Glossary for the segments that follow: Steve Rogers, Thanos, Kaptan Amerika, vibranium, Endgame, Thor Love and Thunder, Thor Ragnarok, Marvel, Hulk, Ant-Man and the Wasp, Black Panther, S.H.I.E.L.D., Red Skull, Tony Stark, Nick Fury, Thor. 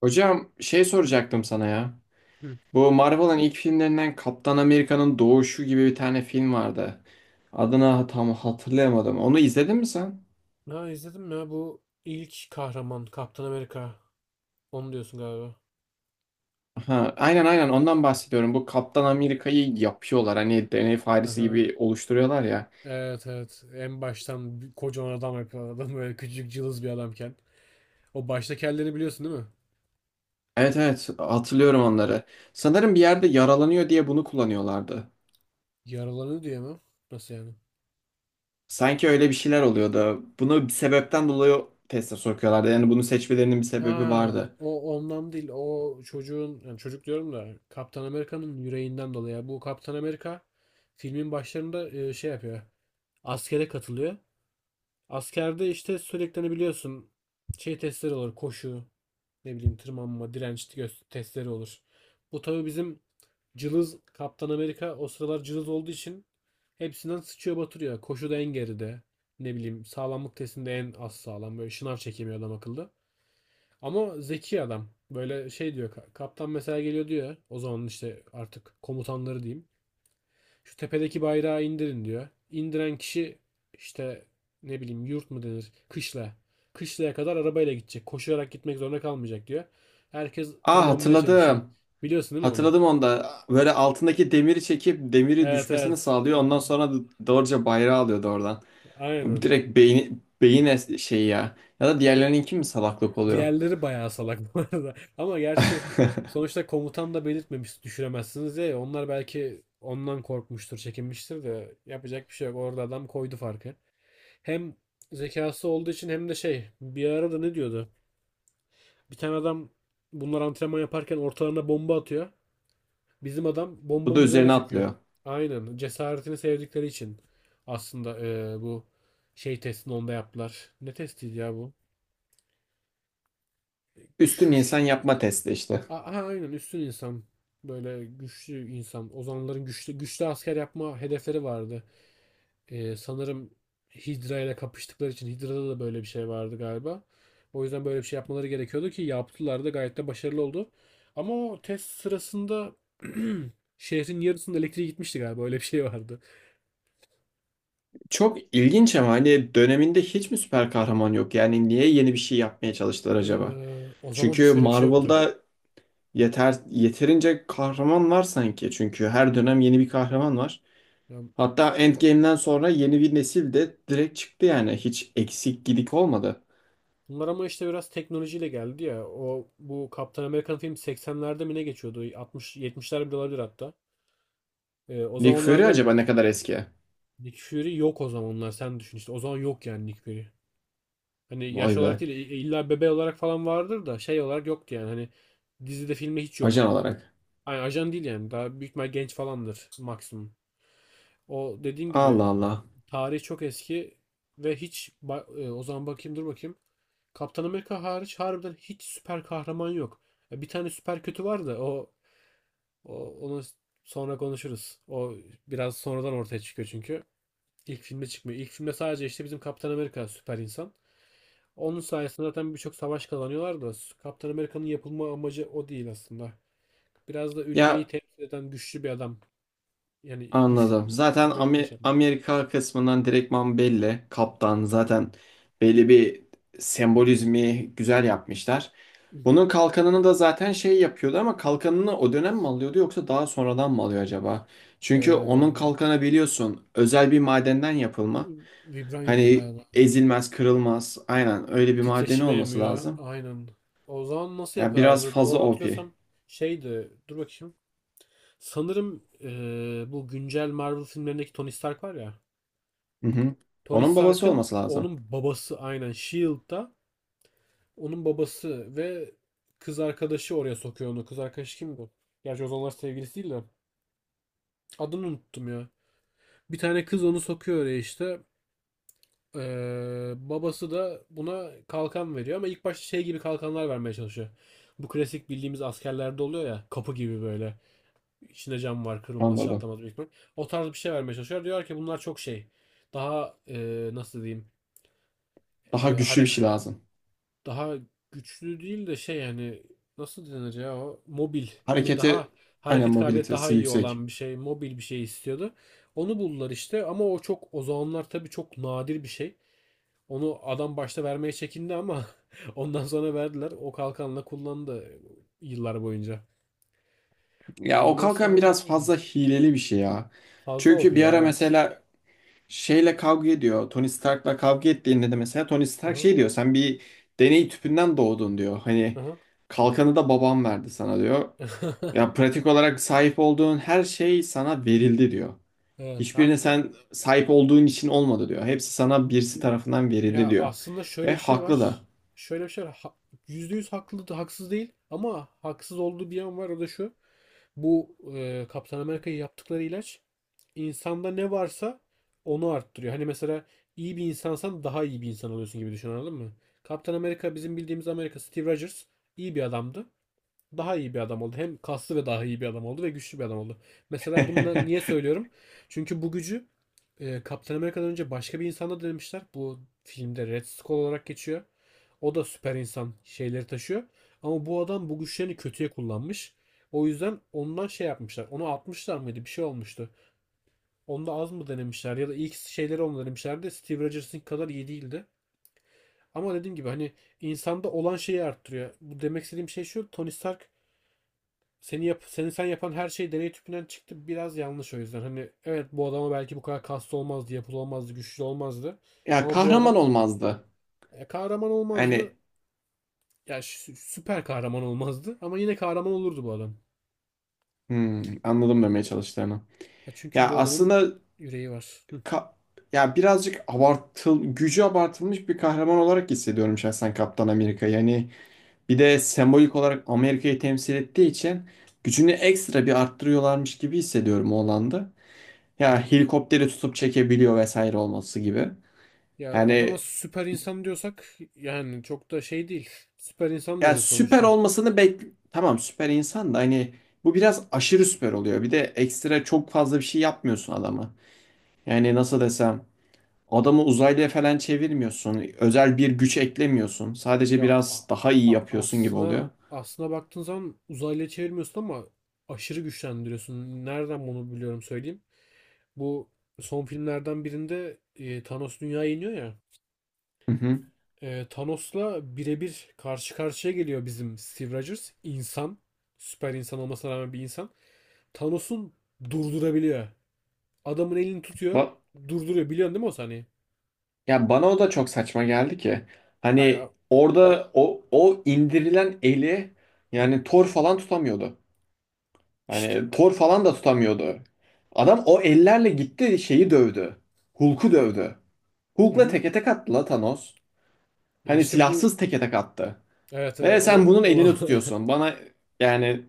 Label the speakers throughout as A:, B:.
A: Hocam şey soracaktım sana ya.
B: Hı.
A: Bu Marvel'ın ilk filmlerinden Kaptan Amerika'nın Doğuşu gibi bir tane film vardı. Adını tam hatırlayamadım. Onu izledin mi sen?
B: Ha izledim ya bu ilk kahraman Kaptan Amerika. Onu diyorsun galiba.
A: Ha, aynen ondan bahsediyorum. Bu Kaptan Amerika'yı yapıyorlar. Hani deney faresi
B: Aha.
A: gibi oluşturuyorlar ya.
B: Evet evet. En baştan bir kocaman adam yapıyor adam böyle küçücük cılız bir adamken. O baştaki hallerini biliyorsun değil mi?
A: Evet evet, hatırlıyorum onları. Sanırım bir yerde yaralanıyor diye bunu kullanıyorlardı.
B: Yaralanıyor diye mi? Nasıl yani?
A: Sanki öyle bir şeyler oluyordu. Bunu bir sebepten dolayı teste sokuyorlardı. Yani bunu seçmelerinin bir sebebi
B: Ha
A: vardı.
B: o ondan değil. O çocuğun yani çocuk diyorum da Kaptan Amerika'nın yüreğinden dolayı. Yani bu Kaptan Amerika filmin başlarında şey yapıyor. Askere katılıyor. Askerde işte sürekli hani biliyorsun şey testleri olur, koşu, ne bileyim tırmanma, direnç testleri olur. Bu tabi bizim cılız Kaptan Amerika o sıralar cılız olduğu için hepsinden sıçıyor batırıyor. Koşuda en geride. Ne bileyim, sağlamlık testinde en az sağlam. Böyle şınav çekemiyor adam akıllı. Ama zeki adam. Böyle şey diyor. Kaptan mesela geliyor diyor. O zaman işte artık komutanları diyeyim. Şu tepedeki bayrağı indirin diyor. İndiren kişi işte, ne bileyim, yurt mu denir? Kışla. Kışlaya kadar arabayla gidecek. Koşarak gitmek zorunda kalmayacak diyor. Herkes
A: Aa,
B: tırmanmaya çalışıyor.
A: hatırladım.
B: Biliyorsun değil mi onu?
A: Hatırladım onda. Böyle altındaki demiri çekip demiri
B: Evet
A: düşmesini
B: evet.
A: sağlıyor. Ondan sonra da doğruca bayrağı alıyordu oradan.
B: Aynen.
A: Direkt beyni, şey ya. Ya da diğerlerininki mi salaklık oluyor?
B: Diğerleri bayağı salak bu arada. Ama gerçi sonuçta komutan da belirtmemiş düşüremezsiniz diye. Onlar belki ondan korkmuştur, çekinmiştir de yapacak bir şey yok. Orada adam koydu farkı. Hem zekası olduğu için hem de şey, bir arada ne diyordu? Bir tane adam, bunlar antrenman yaparken ortalarına bomba atıyor. Bizim adam
A: Bu da
B: bombanın üzerine
A: üzerine
B: çöküyor.
A: atlıyor.
B: Aynen. Cesaretini sevdikleri için aslında bu şey testini onda yaptılar. Ne testiydi ya bu?
A: Üstün
B: Şş,
A: insan yapma testi işte.
B: aynen, üstün insan. Böyle güçlü insan. Ozanların güçlü, güçlü asker yapma hedefleri vardı. Sanırım Hydra ile kapıştıkları için Hydra'da da böyle bir şey vardı galiba. O yüzden böyle bir şey yapmaları gerekiyordu ki yaptılar da gayet de başarılı oldu. Ama o test sırasında şehrin yarısında elektriği gitmişti galiba, öyle bir şey vardı.
A: Çok ilginç ama hani döneminde hiç mi süper kahraman yok? Yani niye yeni bir şey yapmaya çalıştılar
B: Ee,
A: acaba?
B: O zaman hiç
A: Çünkü
B: öyle bir şey yoktu.
A: Marvel'da yeterince kahraman var sanki. Çünkü her dönem yeni bir kahraman var.
B: Ya,
A: Hatta Endgame'den sonra yeni bir nesil de direkt çıktı yani. Hiç eksik gidik olmadı.
B: bunlar ama işte biraz teknolojiyle geldi ya. O bu Kaptan Amerikan film 80'lerde mi ne geçiyordu? 60 70'lerde bile olabilir hatta. O
A: Nick Fury
B: zamanlarda
A: acaba ne kadar eski?
B: Nick Fury yok, o zamanlar sen düşün işte. O zaman yok yani Nick Fury. Hani yaş
A: Vay
B: olarak
A: be.
B: değil, illa bebe olarak falan vardır da şey olarak yoktu yani, hani dizide filmde hiç
A: Ajan
B: yok.
A: olarak.
B: Yani ajan değil, yani daha büyük ihtimal genç falandır maksimum. O dediğim gibi,
A: Allah Allah.
B: tarih çok eski ve hiç o zaman bakayım, dur bakayım. Kaptan Amerika hariç harbiden hiç süper kahraman yok. Ya, bir tane süper kötü var da o, o onu sonra konuşuruz. O biraz sonradan ortaya çıkıyor çünkü. İlk filme çıkmıyor. İlk filmde sadece işte bizim Kaptan Amerika süper insan. Onun sayesinde zaten birçok savaş kazanıyorlar da Kaptan Amerika'nın yapılma amacı o değil aslında. Biraz da ülkeyi
A: Ya
B: temsil eden güçlü bir adam. Yani güç,
A: anladım. Zaten
B: Amerika şey yapmak.
A: Amerika kısmından direktman belli. Kaptan zaten belli bir sembolizmi güzel yapmışlar.
B: Hı hı.
A: Bunun kalkanını da zaten şey yapıyordu ama kalkanını o dönem mi alıyordu yoksa daha sonradan mı alıyor acaba? Çünkü onun
B: Ee,
A: kalkanı biliyorsun özel bir madenden yapılma.
B: Vibranyumdu
A: Hani
B: galiba.
A: ezilmez, kırılmaz. Aynen öyle bir madeni
B: Titreşimi
A: olması
B: emiyor.
A: lazım.
B: Aynen. O zaman nasıl
A: Ya biraz
B: yapıyorlardı?
A: fazla
B: Doğru
A: OP.
B: hatırlıyorsam şeydi. Dur bakayım. Sanırım bu güncel Marvel filmlerindeki Tony Stark var ya.
A: Hı hı.
B: Tony
A: Onun babası
B: Stark'ın
A: olması lazım.
B: onun babası aynen S.H.I.E.L.D.'da. Onun babası ve kız arkadaşı oraya sokuyor onu. Kız arkadaşı kimdi? Gerçi o zamanlar sevgilisi değil de. Adını unuttum ya. Bir tane kız onu sokuyor oraya işte. Babası da buna kalkan veriyor ama ilk başta şey gibi kalkanlar vermeye çalışıyor. Bu klasik bildiğimiz askerlerde oluyor ya. Kapı gibi böyle. İçinde cam var, kırılmaz
A: Anladım.
B: çatlamaz büyük ihtimal. O tarz bir şey vermeye çalışıyor. Diyor ki bunlar çok şey. Daha nasıl diyeyim.
A: Daha
B: E,
A: güçlü bir
B: hare-
A: şey lazım.
B: Daha güçlü değil de şey, hani nasıl denir ya, o mobil, hani
A: Harekete
B: daha
A: aynen,
B: hareket kabiliyet daha
A: mobilitesi
B: iyi
A: yüksek.
B: olan bir şey, mobil bir şey istiyordu. Onu buldular işte ama o çok, o zamanlar tabii çok nadir bir şey. Onu adam başta vermeye çekindi ama ondan sonra verdiler. O kalkanla kullandı yıllar boyunca.
A: Ya o
B: Ondan
A: kalkan
B: sonra sen, ne
A: biraz
B: oldu?
A: fazla hileli bir şey ya.
B: Fazla
A: Çünkü
B: OP
A: bir
B: ya,
A: ara
B: evet.
A: mesela şeyle kavga ediyor. Tony Stark'la kavga ettiğinde de mesela Tony Stark
B: Aha,
A: şey diyor. Sen bir deney tüpünden doğdun diyor. Hani
B: aha.
A: kalkanı da babam verdi sana diyor. Ya pratik olarak sahip olduğun her şey sana verildi diyor.
B: Evet,
A: Hiçbirine
B: haklı.
A: sen sahip olduğun için olmadı diyor. Hepsi sana birisi tarafından verildi
B: Ya
A: diyor.
B: aslında şöyle
A: Ve
B: bir şey
A: haklı
B: var.
A: da.
B: Şöyle bir şey var. Ha, %100 haklı, haksız değil ama haksız olduğu bir yan var, o da şu. Bu Kaptan Amerika'yı yaptıkları ilaç, insanda ne varsa onu arttırıyor. Hani mesela iyi bir insansan daha iyi bir insan oluyorsun gibi düşün, anladın mı? Kaptan Amerika, bizim bildiğimiz Amerika, Steve Rogers iyi bir adamdı, daha iyi bir adam oldu. Hem kaslı ve daha iyi bir adam oldu ve güçlü bir adam oldu. Mesela bunu niye söylüyorum? Çünkü bu gücü Kaptan Amerika'dan önce başka bir insanda denemişler. Bu filmde Red Skull olarak geçiyor. O da süper insan şeyleri taşıyor. Ama bu adam bu güçlerini kötüye kullanmış. O yüzden ondan şey yapmışlar. Onu atmışlar mıydı? Bir şey olmuştu. Onda az mı denemişler ya da ilk şeyleri onu denemişlerdi. Steve Rogers'ın kadar iyi değildi. Ama dediğim gibi hani insanda olan şeyi arttırıyor. Bu demek istediğim şey şu. Tony Stark, seni sen yapan her şey deney tüpünden çıktı, biraz yanlış o yüzden. Hani evet, bu adama belki bu kadar kaslı olmazdı, yapılı olmazdı, güçlü olmazdı.
A: Ya
B: Ama bu
A: kahraman
B: adam
A: olmazdı.
B: kahraman olmazdı.
A: Hani
B: Ya süper kahraman olmazdı ama yine kahraman olurdu bu adam.
A: hmm, anladım demeye çalıştığını.
B: Ya çünkü
A: Ya
B: bu adamın
A: aslında
B: yüreği var. Hı.
A: ka- ya birazcık gücü abartılmış bir kahraman olarak hissediyorum şahsen Kaptan Amerika. Yani bir de sembolik olarak Amerika'yı temsil ettiği için gücünü ekstra bir arttırıyorlarmış gibi hissediyorum o alanda.
B: Hı
A: Ya
B: hı.
A: helikopteri tutup çekebiliyor vesaire olması gibi.
B: Ya adama
A: Yani
B: süper insan diyorsak yani çok da şey değil. Süper insan
A: Yani
B: diyoruz
A: süper
B: sonuçta.
A: olmasını bek tamam, süper insan da hani bu biraz aşırı süper oluyor. Bir de ekstra çok fazla bir şey yapmıyorsun adama. Yani nasıl desem, adamı uzaylıya falan çevirmiyorsun. Özel bir güç eklemiyorsun. Sadece
B: Ya
A: biraz daha iyi yapıyorsun gibi oluyor.
B: aslına baktığın zaman uzaylıya çevirmiyorsun ama aşırı güçlendiriyorsun. Nereden bunu biliyorum söyleyeyim. Bu son filmlerden birinde Thanos dünyaya iniyor ya.
A: Hı hı.
B: Thanos'la birebir karşı karşıya geliyor bizim Steve Rogers. İnsan. Süper insan olmasına rağmen bir insan. Thanos'un durdurabiliyor. Adamın elini tutuyor.
A: Ba-
B: Durduruyor. Biliyorsun değil mi o sahneyi?
A: ya bana o da çok saçma geldi ki.
B: Hayır.
A: Hani orada o indirilen eli
B: Hı hı.
A: yani Thor falan tutamıyordu.
B: İşte,
A: Hani Thor falan da tutamıyordu. Adam o ellerle gitti şeyi dövdü. Hulk'u dövdü.
B: hı
A: Hulk'la
B: hı.
A: teke tek attı la Thanos.
B: Ya
A: Hani
B: işte bu,
A: silahsız teke tek attı.
B: evet. e,
A: Ve
B: o
A: sen bunun
B: o
A: elini tutuyorsun. Bana yani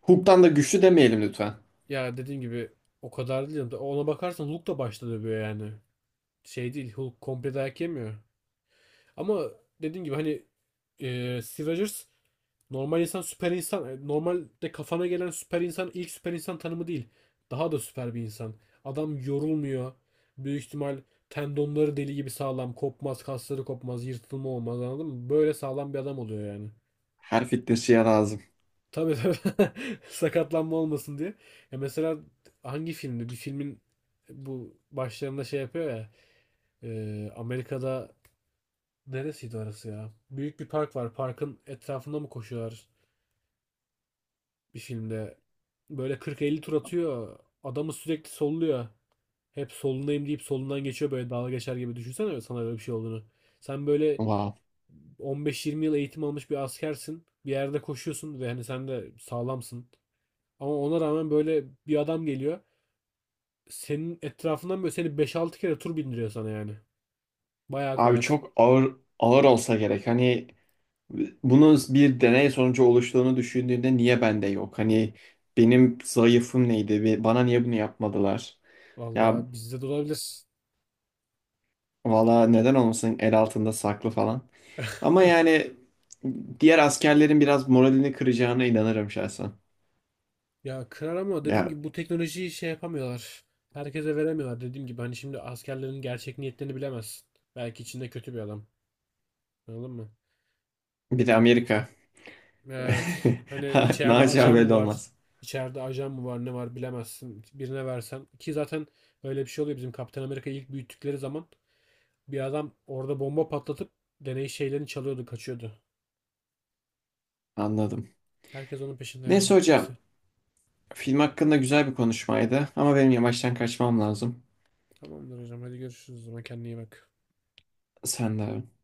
A: Hulk'tan da güçlü demeyelim lütfen.
B: Ya dediğim gibi o kadar değil. Ona bakarsan Hulk da başta dövüyor yani. Şey değil. Hulk komple dayak yemiyor. Ama dediğim gibi hani Steve Rogers normal insan, süper insan, normalde kafana gelen süper insan ilk süper insan tanımı değil. Daha da süper bir insan. Adam yorulmuyor. Büyük ihtimal tendonları deli gibi sağlam. Kopmaz, kasları kopmaz, yırtılma olmaz, anladın mı? Böyle sağlam bir adam oluyor yani.
A: Her fitnessçiye lazım.
B: Tabii tabii. Sakatlanma olmasın diye. Ya mesela hangi filmde? Bir filmin bu başlarında şey yapıyor ya. Amerika'da neresiydi orası ya? Büyük bir park var. Parkın etrafında mı koşuyorlar bir filmde? Böyle 40-50 tur atıyor. Adamı sürekli solluyor. Hep solundayım deyip solundan geçiyor, böyle dalga geçer gibi. Düşünsene sana öyle bir şey olduğunu. Sen böyle
A: Wow.
B: 15-20 yıl eğitim almış bir askersin. Bir yerde koşuyorsun ve hani sen de sağlamsın. Ama ona rağmen böyle bir adam geliyor. Senin etrafından böyle seni 5-6 kere tur bindiriyor sana yani. Bayağı
A: Abi
B: koyar.
A: çok ağır ağır olsa gerek. Hani bunun bir deney sonucu oluştuğunu düşündüğünde niye bende yok? Hani benim zayıfım neydi? Ve bana niye bunu yapmadılar? Ya
B: Vallahi bizde de olabilir.
A: valla neden olmasın, el altında saklı falan. Ama yani diğer askerlerin biraz moralini kıracağına inanırım şahsen.
B: Ya kırar ama dediğim
A: Ya
B: gibi bu teknolojiyi şey yapamıyorlar. Herkese veremiyorlar. Dediğim gibi hani şimdi askerlerin gerçek niyetlerini bilemezsin. Belki içinde kötü bir adam. Anladın mı?
A: bir de Amerika.
B: Evet. Hani içeride
A: Naci
B: ajan
A: abi
B: mı
A: öyle
B: var?
A: olmaz.
B: İçeride ajan mı var? Ne var bilemezsin. Birine versen. Ki zaten öyle bir şey oluyor. Bizim Kaptan Amerika'yı ilk büyüttükleri zaman bir adam orada bomba patlatıp deney şeylerini çalıyordu, kaçıyordu.
A: Anladım.
B: Herkes onun peşinde
A: Neyse
B: yani.
A: hocam.
B: Neyse.
A: Film hakkında güzel bir konuşmaydı. Ama benim yavaştan kaçmam lazım.
B: Tamamdır hocam. Hadi görüşürüz o zaman. Kendine iyi bak.
A: Sen de abi.